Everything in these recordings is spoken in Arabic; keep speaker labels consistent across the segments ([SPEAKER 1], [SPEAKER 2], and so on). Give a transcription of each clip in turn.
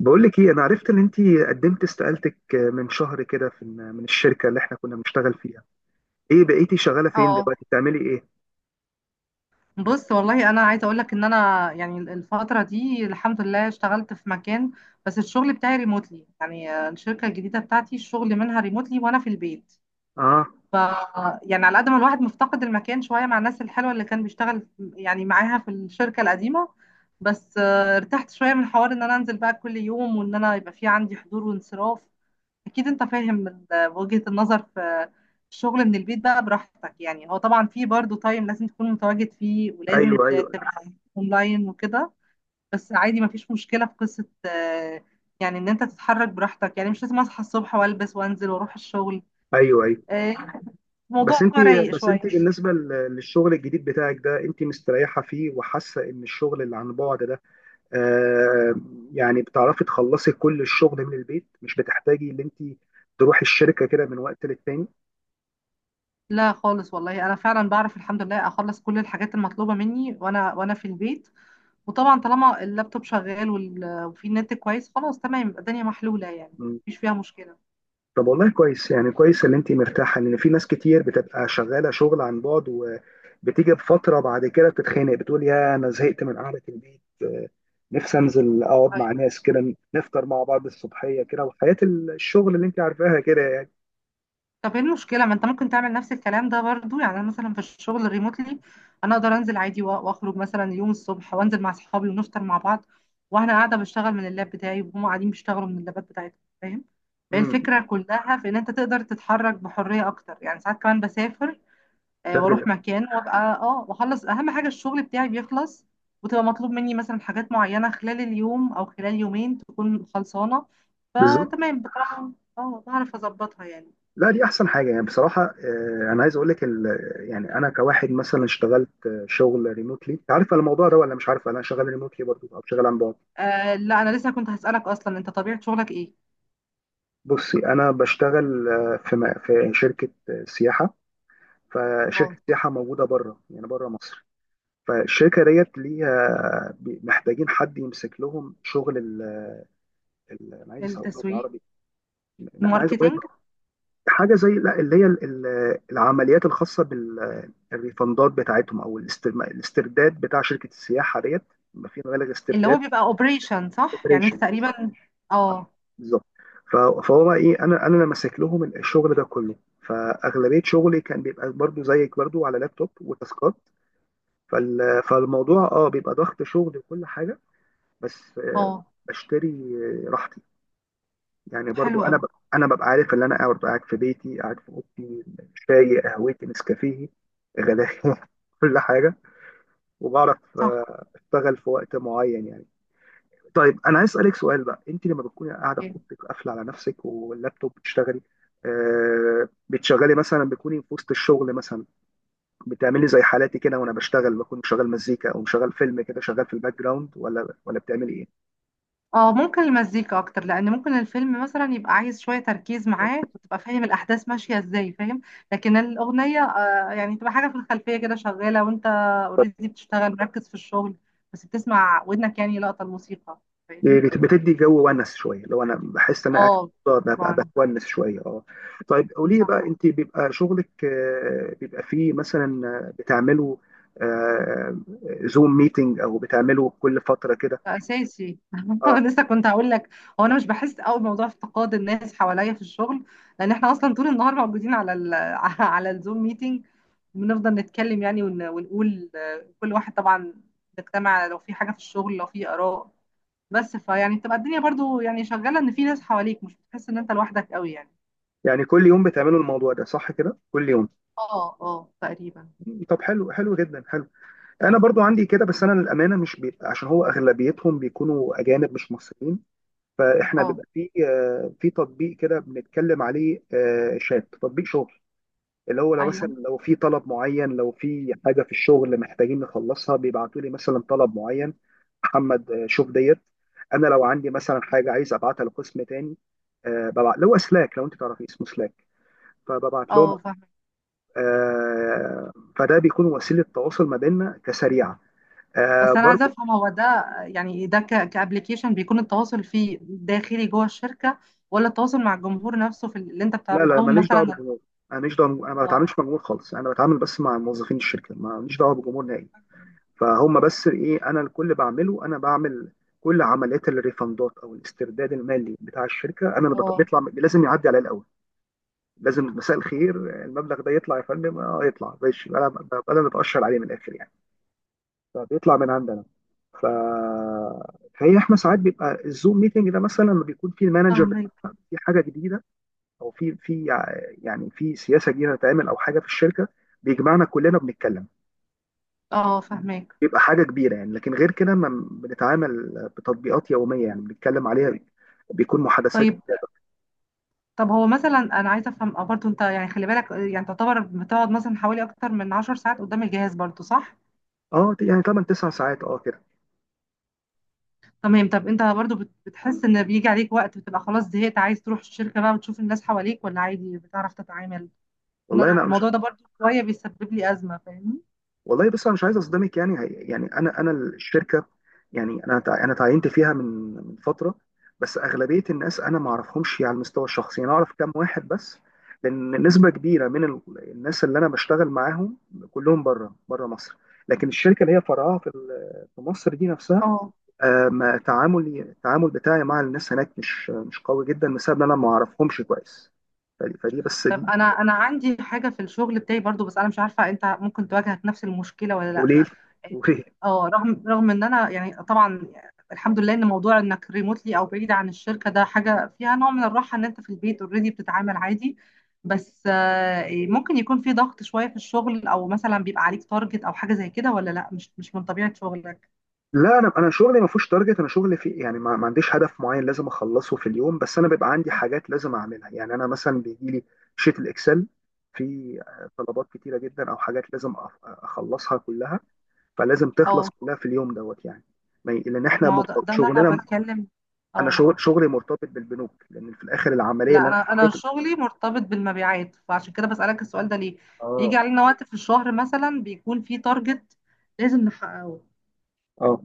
[SPEAKER 1] بقول لك ايه؟ انا عرفت ان انت قدمت استقالتك من شهر كده من الشركه اللي احنا كنا بنشتغل فيها. ايه بقيتي شغاله فين
[SPEAKER 2] اه.
[SPEAKER 1] دلوقتي؟ بتعملي ايه؟
[SPEAKER 2] بص والله انا عايزه اقول لك ان انا يعني الفتره دي الحمد لله اشتغلت في مكان. بس الشغل بتاعي ريموتلي يعني الشركه الجديده بتاعتي الشغل منها ريموتلي وانا في البيت.
[SPEAKER 1] اه.
[SPEAKER 2] ف يعني على قد ما الواحد مفتقد المكان شويه مع الناس الحلوه اللي كان بيشتغل يعني معاها في الشركه القديمه. بس ارتحت شويه من حوار ان انا انزل بقى كل يوم وان انا يبقى في عندي حضور وانصراف. اكيد انت فاهم وجهة النظر في الشغل من البيت بقى براحتك. يعني هو طبعا في برضه تايم لازم تكون متواجد فيه ولازم
[SPEAKER 1] ايوه، ايوه،
[SPEAKER 2] تبقى اونلاين وكده. بس عادي مفيش مشكلة في قصة يعني ان انت تتحرك براحتك يعني مش لازم اصحى الصبح والبس وانزل واروح الشغل.
[SPEAKER 1] ايوه، ايوه.
[SPEAKER 2] آه،
[SPEAKER 1] بس
[SPEAKER 2] الموضوع
[SPEAKER 1] انت
[SPEAKER 2] رايق
[SPEAKER 1] بس
[SPEAKER 2] شوية.
[SPEAKER 1] انت بالنسبه للشغل الجديد بتاعك ده، انت مستريحه فيه وحاسه ان الشغل اللي عن بعد ده، آه يعني بتعرفي تخلصي كل الشغل من البيت، مش بتحتاجي ان انت تروحي الشركه كده من وقت للتاني؟
[SPEAKER 2] لا خالص والله انا فعلا بعرف الحمد لله اخلص كل الحاجات المطلوبة مني وانا في البيت. وطبعا طالما اللابتوب شغال وفي نت كويس خلاص تمام يبقى الدنيا محلولة يعني مفيش فيها مشكلة.
[SPEAKER 1] طب والله كويس، يعني كويس ان انت مرتاحه، لان في ناس كتير بتبقى شغاله شغل عن بعد وبتيجي بفتره بعد كده بتتخانق، بتقول يا انا زهقت من قعده البيت، نفسي انزل اقعد مع ناس كده، نفطر مع بعض الصبحيه كده، وحياه الشغل اللي انت عارفاها كده يعني.
[SPEAKER 2] طب ايه المشكلة ما انت ممكن تعمل نفس الكلام ده برضو. يعني انا مثلا في الشغل الريموتلي انا اقدر انزل عادي واخرج مثلا يوم الصبح وانزل مع اصحابي ونفطر مع بعض وانا قاعدة بشتغل من اللاب بتاعي وهم قاعدين بيشتغلوا من اللابات بتاعتهم، فاهم؟ فهي
[SPEAKER 1] امم
[SPEAKER 2] الفكرة كلها في ان انت تقدر تتحرك بحرية اكتر، يعني ساعات كمان بسافر
[SPEAKER 1] تغل-
[SPEAKER 2] واروح مكان وابقى اه واخلص اهم حاجة الشغل بتاعي بيخلص، وتبقى مطلوب مني مثلا حاجات معينة خلال اليوم او خلال يومين تكون خلصانة.
[SPEAKER 1] بالظبط.
[SPEAKER 2] فتمام بصراحة. اه بعرف اظبطها يعني.
[SPEAKER 1] لا، دي احسن حاجه، يعني بصراحه. انا عايز اقول لك يعني انا كواحد مثلا اشتغلت شغل ريموتلي، عارفه الموضوع ده ولا مش عارفه؟ انا شغال ريموتلي برضو او شغال عن بعد.
[SPEAKER 2] آه لا انا لسه كنت هسألك، اصلا انت طبيعة شغلك ايه؟
[SPEAKER 1] بصي، انا بشتغل في شركه سياحه،
[SPEAKER 2] اه
[SPEAKER 1] فشركه سياحه موجوده بره، يعني بره مصر. فالشركه ديت ليها محتاجين حد يمسك لهم شغل انا عايز اسوقه
[SPEAKER 2] التسويق.
[SPEAKER 1] بالعربي. لا، انا عايز اقول لك
[SPEAKER 2] الماركتينج.
[SPEAKER 1] حاجه زي، لا اللي هي العمليات الخاصه بالريفندات بتاعتهم، او الاسترداد بتاع شركه السياحه ديت، ما في مبالغ
[SPEAKER 2] اللي
[SPEAKER 1] استرداد.
[SPEAKER 2] هو بيبقى اوبريشن صح، يعني
[SPEAKER 1] اوبريشن
[SPEAKER 2] انت تقريبا.
[SPEAKER 1] بالظبط،
[SPEAKER 2] اه
[SPEAKER 1] بالظبط. ف- فهو بقى ايه، انا اللي ماسك لهم الشغل ده كله، فاغلبيه شغلي كان بيبقى برضو زيك، برضو على لابتوب وتاسكات. فالموضوع بيبقى ضغط شغل وكل حاجه، بس
[SPEAKER 2] اه
[SPEAKER 1] بشتري راحتي يعني.
[SPEAKER 2] حلو
[SPEAKER 1] برضو انا
[SPEAKER 2] قوي.
[SPEAKER 1] انا ببقى عارف ان انا قاعد، ببقى قاعد في بيتي، قاعد في اوضتي، شاي قهوتي نسكافيه غدايا كل حاجه، وبعرف
[SPEAKER 2] صح.
[SPEAKER 1] اشتغل في وقت معين يعني. طيب، انا عايز اسالك سؤال بقى، انت لما بتكوني قاعده في
[SPEAKER 2] أوكي.
[SPEAKER 1] اوضتك قافله على نفسك واللابتوب بتشتغلي، بتشغلي مثلا، بتكوني في وسط الشغل مثلا، بتعمل لي زي حالاتي كده وانا بشتغل بكون مشغل مزيكا او مشغل فيلم كده شغال في الباك جراوند، ولا بتعملي ايه؟
[SPEAKER 2] اه ممكن المزيكا اكتر، لان ممكن الفيلم مثلا يبقى عايز شوية تركيز معاه وتبقى فاهم الاحداث ماشية ازاي، فاهم؟ لكن الاغنية آه يعني تبقى حاجة في الخلفية كده شغالة وانت اوريدي بتشتغل مركز في الشغل، بس بتسمع ودنك يعني لقطة الموسيقى،
[SPEAKER 1] يعني
[SPEAKER 2] فاهمني؟
[SPEAKER 1] بتدي جو ونس شويه؟ لو انا بحس ان انا قاعد في
[SPEAKER 2] اه
[SPEAKER 1] الأوضة ببقى
[SPEAKER 2] طبعا.
[SPEAKER 1] بتونس شويه، اه. طيب قولي لي
[SPEAKER 2] صح.
[SPEAKER 1] بقى، انت بيبقى شغلك بيبقى فيه مثلا، بتعملوا آه، زوم ميتنج، او بتعملوا كل فتره كده؟
[SPEAKER 2] اساسي
[SPEAKER 1] اه،
[SPEAKER 2] لسه كنت هقول لك. هو انا مش بحس قوي بموضوع افتقاد الناس حواليا في الشغل، لان احنا اصلا طول النهار موجودين على ال على الزوم ميتنج. بنفضل نتكلم يعني ونقول كل واحد طبعا نجتمع لو في حاجه في الشغل، لو في اراء. بس فيعني بتبقى الدنيا برضو يعني شغاله ان في ناس حواليك، مش بتحس ان انت لوحدك قوي يعني.
[SPEAKER 1] يعني كل يوم بتعملوا الموضوع ده صح كده؟ كل يوم.
[SPEAKER 2] اه اه تقريبا.
[SPEAKER 1] طب حلو، حلو جدا، حلو. انا برضو عندي كده، بس انا للامانه مش بيبقى، عشان هو اغلبيتهم بيكونوا اجانب مش مصريين. فاحنا بيبقى
[SPEAKER 2] اه.
[SPEAKER 1] في تطبيق كده بنتكلم عليه، شات تطبيق شغل، اللي هو لو مثلا
[SPEAKER 2] ايوه.
[SPEAKER 1] لو في طلب معين، لو في حاجه في الشغل محتاجين نخلصها بيبعتوا لي مثلا طلب معين، محمد شوف ديت. انا لو عندي مثلا حاجه عايز ابعتها لقسم تاني، ببعت لو سلاك، لو انت تعرفي اسمه سلاك، فببعت لهم.
[SPEAKER 2] اه فاهمة.
[SPEAKER 1] آه، فده بيكون وسيله تواصل ما بيننا كسريعه،
[SPEAKER 2] بس انا عايزه
[SPEAKER 1] برضو.
[SPEAKER 2] افهم هو ده. يعني ده كابلكيشن بيكون التواصل فيه داخلي جوه الشركه، ولا التواصل مع الجمهور نفسه في اللي انت
[SPEAKER 1] لا،
[SPEAKER 2] بتعرض
[SPEAKER 1] لا،
[SPEAKER 2] لهم
[SPEAKER 1] ماليش دعوه
[SPEAKER 2] مثلا.
[SPEAKER 1] بالجمهور، ماليش دعوه. انا ما
[SPEAKER 2] اه.
[SPEAKER 1] بتعاملش مع الجمهور خالص، انا بتعامل بس مع موظفين الشركه، ماليش دعوه بالجمهور نهائي. فهم بس ايه، انا الكل بعمله، انا بعمل كل عمليات الريفندات او الاسترداد المالي بتاع الشركه، انا اللي
[SPEAKER 2] اه
[SPEAKER 1] بيطلع، لازم يعدي عليا الاول، لازم. مساء الخير، المبلغ ده يطلع يا فندم؟ اه يطلع ماشي، انا ببقى انا اللي بتاشر عليه من الاخر يعني، فبيطلع من عندنا. ف فهي احنا ساعات بيبقى الزوم ميتنج ده مثلا لما بيكون في المانجر
[SPEAKER 2] فاهمك.
[SPEAKER 1] في حاجه جديده، او في في يعني في سياسه جديده هتتعمل، او حاجه في الشركه، بيجمعنا كلنا، بنتكلم،
[SPEAKER 2] اه فاهمك.
[SPEAKER 1] بيبقى حاجه كبيره يعني. لكن غير كده ما بنتعامل بتطبيقات يوميه يعني، بنتكلم عليها بيكون محادثات
[SPEAKER 2] طيب.
[SPEAKER 1] كتيرة.
[SPEAKER 2] طب هو مثلا انا عايزه افهم برضه، انت يعني خلي بالك يعني تعتبر بتقعد مثلا حوالي اكتر من 10 ساعات قدام الجهاز برضه صح؟
[SPEAKER 1] اه يعني 8 9 ساعات، كده.
[SPEAKER 2] تمام طب انت برضه بتحس ان بيجي عليك وقت بتبقى خلاص زهقت عايز تروح الشركه بقى وتشوف الناس حواليك، ولا عادي بتعرف تتعامل؟ ان
[SPEAKER 1] والله
[SPEAKER 2] انا
[SPEAKER 1] انا مش
[SPEAKER 2] الموضوع ده برضه شويه بيسبب لي ازمه، فاهمني؟
[SPEAKER 1] والله بس انا مش عايز اصدمك، يعني يعني انا الشركه، يعني انا تعينت فيها من فتره، بس اغلبيه الناس انا ما اعرفهمش على المستوى الشخصي، يعني انا اعرف كام واحد بس، لان نسبه كبيره من الناس اللي انا بشتغل معاهم كلهم بره مصر. لكن الشركه اللي هي فرعها في مصر دي نفسها،
[SPEAKER 2] اه
[SPEAKER 1] ما تعاملي التعامل بتاعي مع الناس هناك مش قوي جدا، بسبب ان انا ما اعرفهمش كويس. فدي بس
[SPEAKER 2] طب
[SPEAKER 1] دي
[SPEAKER 2] انا عندي حاجه في الشغل بتاعي برضو، بس انا مش عارفه انت ممكن تواجهك نفس المشكله ولا لا.
[SPEAKER 1] قليل، قليل.
[SPEAKER 2] اه رغم ان انا يعني طبعا الحمد لله ان موضوع انك ريموتلي او بعيد عن الشركه ده حاجه فيها نوع من الراحه، ان انت في البيت اوريدي بتتعامل عادي. بس ممكن يكون في ضغط شويه في الشغل او مثلا بيبقى عليك تارجت او حاجه زي كده، ولا لا مش من طبيعه شغلك.
[SPEAKER 1] لا، انا شغلي ما فيهوش تارجت، انا شغلي في يعني ما عنديش هدف معين لازم اخلصه في اليوم، بس انا بيبقى عندي حاجات لازم اعملها، يعني انا مثلا بيجي لي شيت الاكسل، في طلبات كتيره جدا او حاجات لازم اخلصها كلها، فلازم تخلص
[SPEAKER 2] اه
[SPEAKER 1] كلها في اليوم دوت يعني. ما ي- لان احنا
[SPEAKER 2] ما هو ده ده اللي انا
[SPEAKER 1] شغلنا،
[SPEAKER 2] بتكلم.
[SPEAKER 1] انا
[SPEAKER 2] اه
[SPEAKER 1] شغلي مرتبط بالبنوك، لان في الاخر العمليه
[SPEAKER 2] لا
[SPEAKER 1] اللي انا
[SPEAKER 2] انا
[SPEAKER 1] بعملها.
[SPEAKER 2] شغلي مرتبط بالمبيعات، فعشان كده بسألك السؤال ده ليه. بيجي
[SPEAKER 1] اه،
[SPEAKER 2] علينا وقت في الشهر مثلا بيكون في تارجت لازم نحققه.
[SPEAKER 1] اه.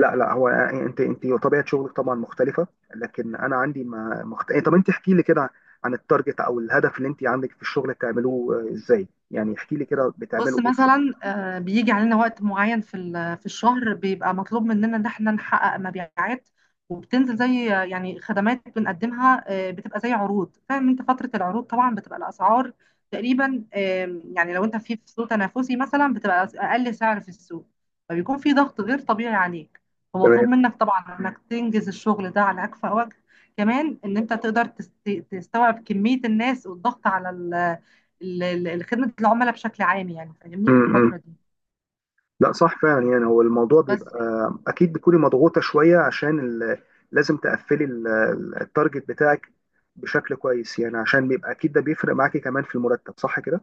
[SPEAKER 1] لا، لا، هو يعني انت طبيعه شغلك طبعا مختلفه، لكن انا عندي ما مخت... طب انت احكي لي كده عن التارجت او الهدف اللي انت عندك في الشغل، بتعملوه ازاي يعني، احكي لي كده
[SPEAKER 2] بص
[SPEAKER 1] بتعملوا ايه بالظبط؟
[SPEAKER 2] مثلا بيجي علينا وقت معين في في الشهر بيبقى مطلوب مننا ان احنا نحقق مبيعات. وبتنزل زي يعني خدمات بنقدمها بتبقى زي عروض، فاهم؟ انت فترة العروض طبعا بتبقى الاسعار تقريبا يعني لو انت في سوق تنافسي مثلا بتبقى اقل سعر في السوق، فبيكون في ضغط غير طبيعي عليك. فمطلوب
[SPEAKER 1] تمام.
[SPEAKER 2] منك طبعا انك تنجز الشغل ده على اكفأ وجه، كمان ان انت تقدر تستوعب كمية الناس والضغط على خدمة العملاء بشكل عام يعني،
[SPEAKER 1] م-
[SPEAKER 2] فاهمني؟ في
[SPEAKER 1] م.
[SPEAKER 2] الفترة دي
[SPEAKER 1] لا، صح فعلا. يعني هو الموضوع
[SPEAKER 2] بس.
[SPEAKER 1] بيبقى اكيد بتكوني مضغوطه شويه عشان لازم تقفلي التارجت بتاعك بشكل كويس يعني، عشان بيبقى اكيد ده بيفرق معاكي كمان في المرتب، صح كده؟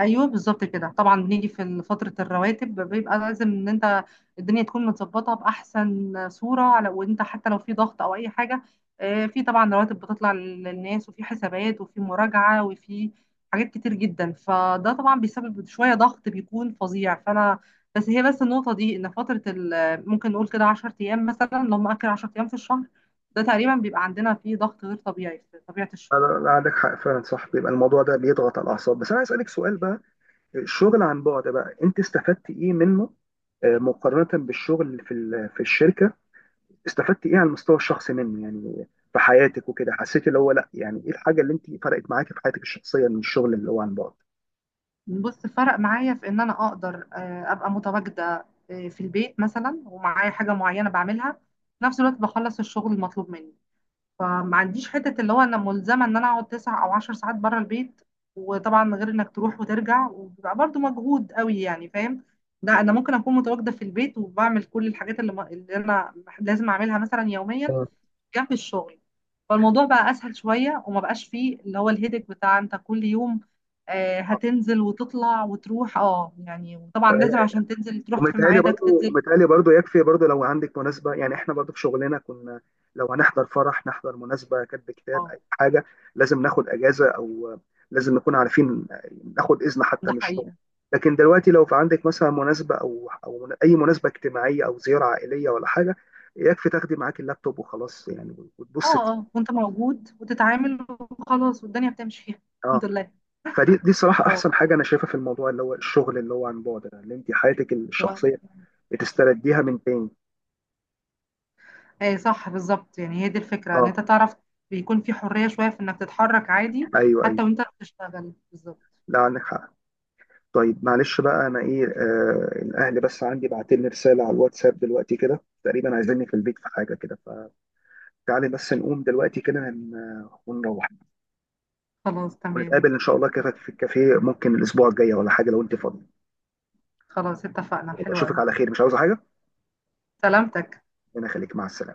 [SPEAKER 2] ايوه بالظبط كده، طبعا بنيجي في فتره الرواتب بيبقى لازم ان انت الدنيا تكون متظبطه باحسن صوره، على وانت حتى لو في ضغط او اي حاجه. في طبعا رواتب بتطلع للناس، وفي حسابات وفي مراجعه وفي حاجات كتير جدا، فده طبعا بيسبب شويه ضغط بيكون فظيع فانا. بس هي بس النقطه دي ان فتره ممكن نقول كده 10 ايام مثلا، لو مأكل 10 ايام في الشهر، ده تقريبا بيبقى عندنا فيه ضغط غير طبيعي في طبيعه
[SPEAKER 1] لا،
[SPEAKER 2] الشغل.
[SPEAKER 1] لا، لا، عندك حق فعلا. صح، بيبقى الموضوع ده بيضغط على الاعصاب. بس انا عايز اسالك سؤال بقى، الشغل عن بعد بقى انت استفدت ايه منه مقارنة بالشغل اللي في الشركة؟ استفدت ايه على المستوى الشخصي منه، يعني في حياتك وكده؟ حسيت اللي هو، لا يعني ايه الحاجة اللي انت فرقت معاكي في حياتك الشخصية من الشغل اللي هو عن بعد؟
[SPEAKER 2] بص فرق معايا في ان انا اقدر ابقى متواجده في البيت مثلا، ومعايا حاجه معينه بعملها في نفس الوقت بخلص الشغل المطلوب مني. فما عنديش حته اللي هو انا ملزمه ان انا اقعد 9 او 10 ساعات بره البيت. وطبعا غير انك تروح وترجع وبيبقى برضه مجهود قوي يعني، فاهم؟ لا انا ممكن اكون متواجده في البيت وبعمل كل الحاجات اللي, اللي انا لازم اعملها مثلا يوميا جنب الشغل. فالموضوع بقى اسهل شويه، وما بقاش فيه اللي هو الهيدك بتاع انت كل يوم هتنزل وتطلع وتروح اه يعني. وطبعا لازم
[SPEAKER 1] آه.
[SPEAKER 2] عشان تنزل تروح في
[SPEAKER 1] ومتهيألي
[SPEAKER 2] ميعادك
[SPEAKER 1] برضو،
[SPEAKER 2] تنزل.
[SPEAKER 1] متهيألي برضو يكفي برضو، لو عندك مناسبة يعني، احنا برضو في شغلنا كنا لو هنحضر فرح، نحضر مناسبة، كتب كتاب،
[SPEAKER 2] اه
[SPEAKER 1] أي حاجة، لازم ناخد أجازة، أو لازم نكون عارفين، ناخد إذن حتى
[SPEAKER 2] ده
[SPEAKER 1] من الشغل.
[SPEAKER 2] حقيقه.
[SPEAKER 1] لكن دلوقتي لو في عندك مثلا مناسبة، أو أي مناسبة اجتماعية، أو زيارة عائلية ولا حاجة، يكفي تاخدي معاك اللابتوب وخلاص يعني، وتبص فيه.
[SPEAKER 2] اه اه وانت موجود وتتعامل وخلاص والدنيا بتمشي فيها.
[SPEAKER 1] اه.
[SPEAKER 2] الحمد لله.
[SPEAKER 1] فدي صراحة
[SPEAKER 2] اه
[SPEAKER 1] أحسن حاجة أنا شايفها في الموضوع، اللي هو الشغل اللي هو عن بعد ده، اللي أنت حياتك
[SPEAKER 2] و-
[SPEAKER 1] الشخصية بتسترديها من تاني.
[SPEAKER 2] ايه صح بالظبط، يعني هي دي الفكرة ان
[SPEAKER 1] اه.
[SPEAKER 2] انت تعرف بيكون في حرية شوية في انك تتحرك عادي
[SPEAKER 1] ايوه، ايوه.
[SPEAKER 2] حتى وانت بتشتغل بالظبط.
[SPEAKER 1] لا، عندك حق. طيب معلش بقى، انا ايه، الاهل بس عندي بعتلي رساله على الواتساب دلوقتي كده، تقريبا عايزيني في البيت في حاجه كده، فتعالي بس نقوم دلوقتي كده ونروح،
[SPEAKER 2] خلاص تمام
[SPEAKER 1] ونتقابل ان
[SPEAKER 2] اوكي.
[SPEAKER 1] شاء الله كده في الكافيه، ممكن الاسبوع الجاي ولا حاجه، لو انت فاضي.
[SPEAKER 2] خلاص اتفقنا
[SPEAKER 1] يلا،
[SPEAKER 2] حلو
[SPEAKER 1] اشوفك
[SPEAKER 2] قوي.
[SPEAKER 1] على خير. مش عاوزه حاجه؟
[SPEAKER 2] سلامتك.
[SPEAKER 1] انا خليك مع السلامه.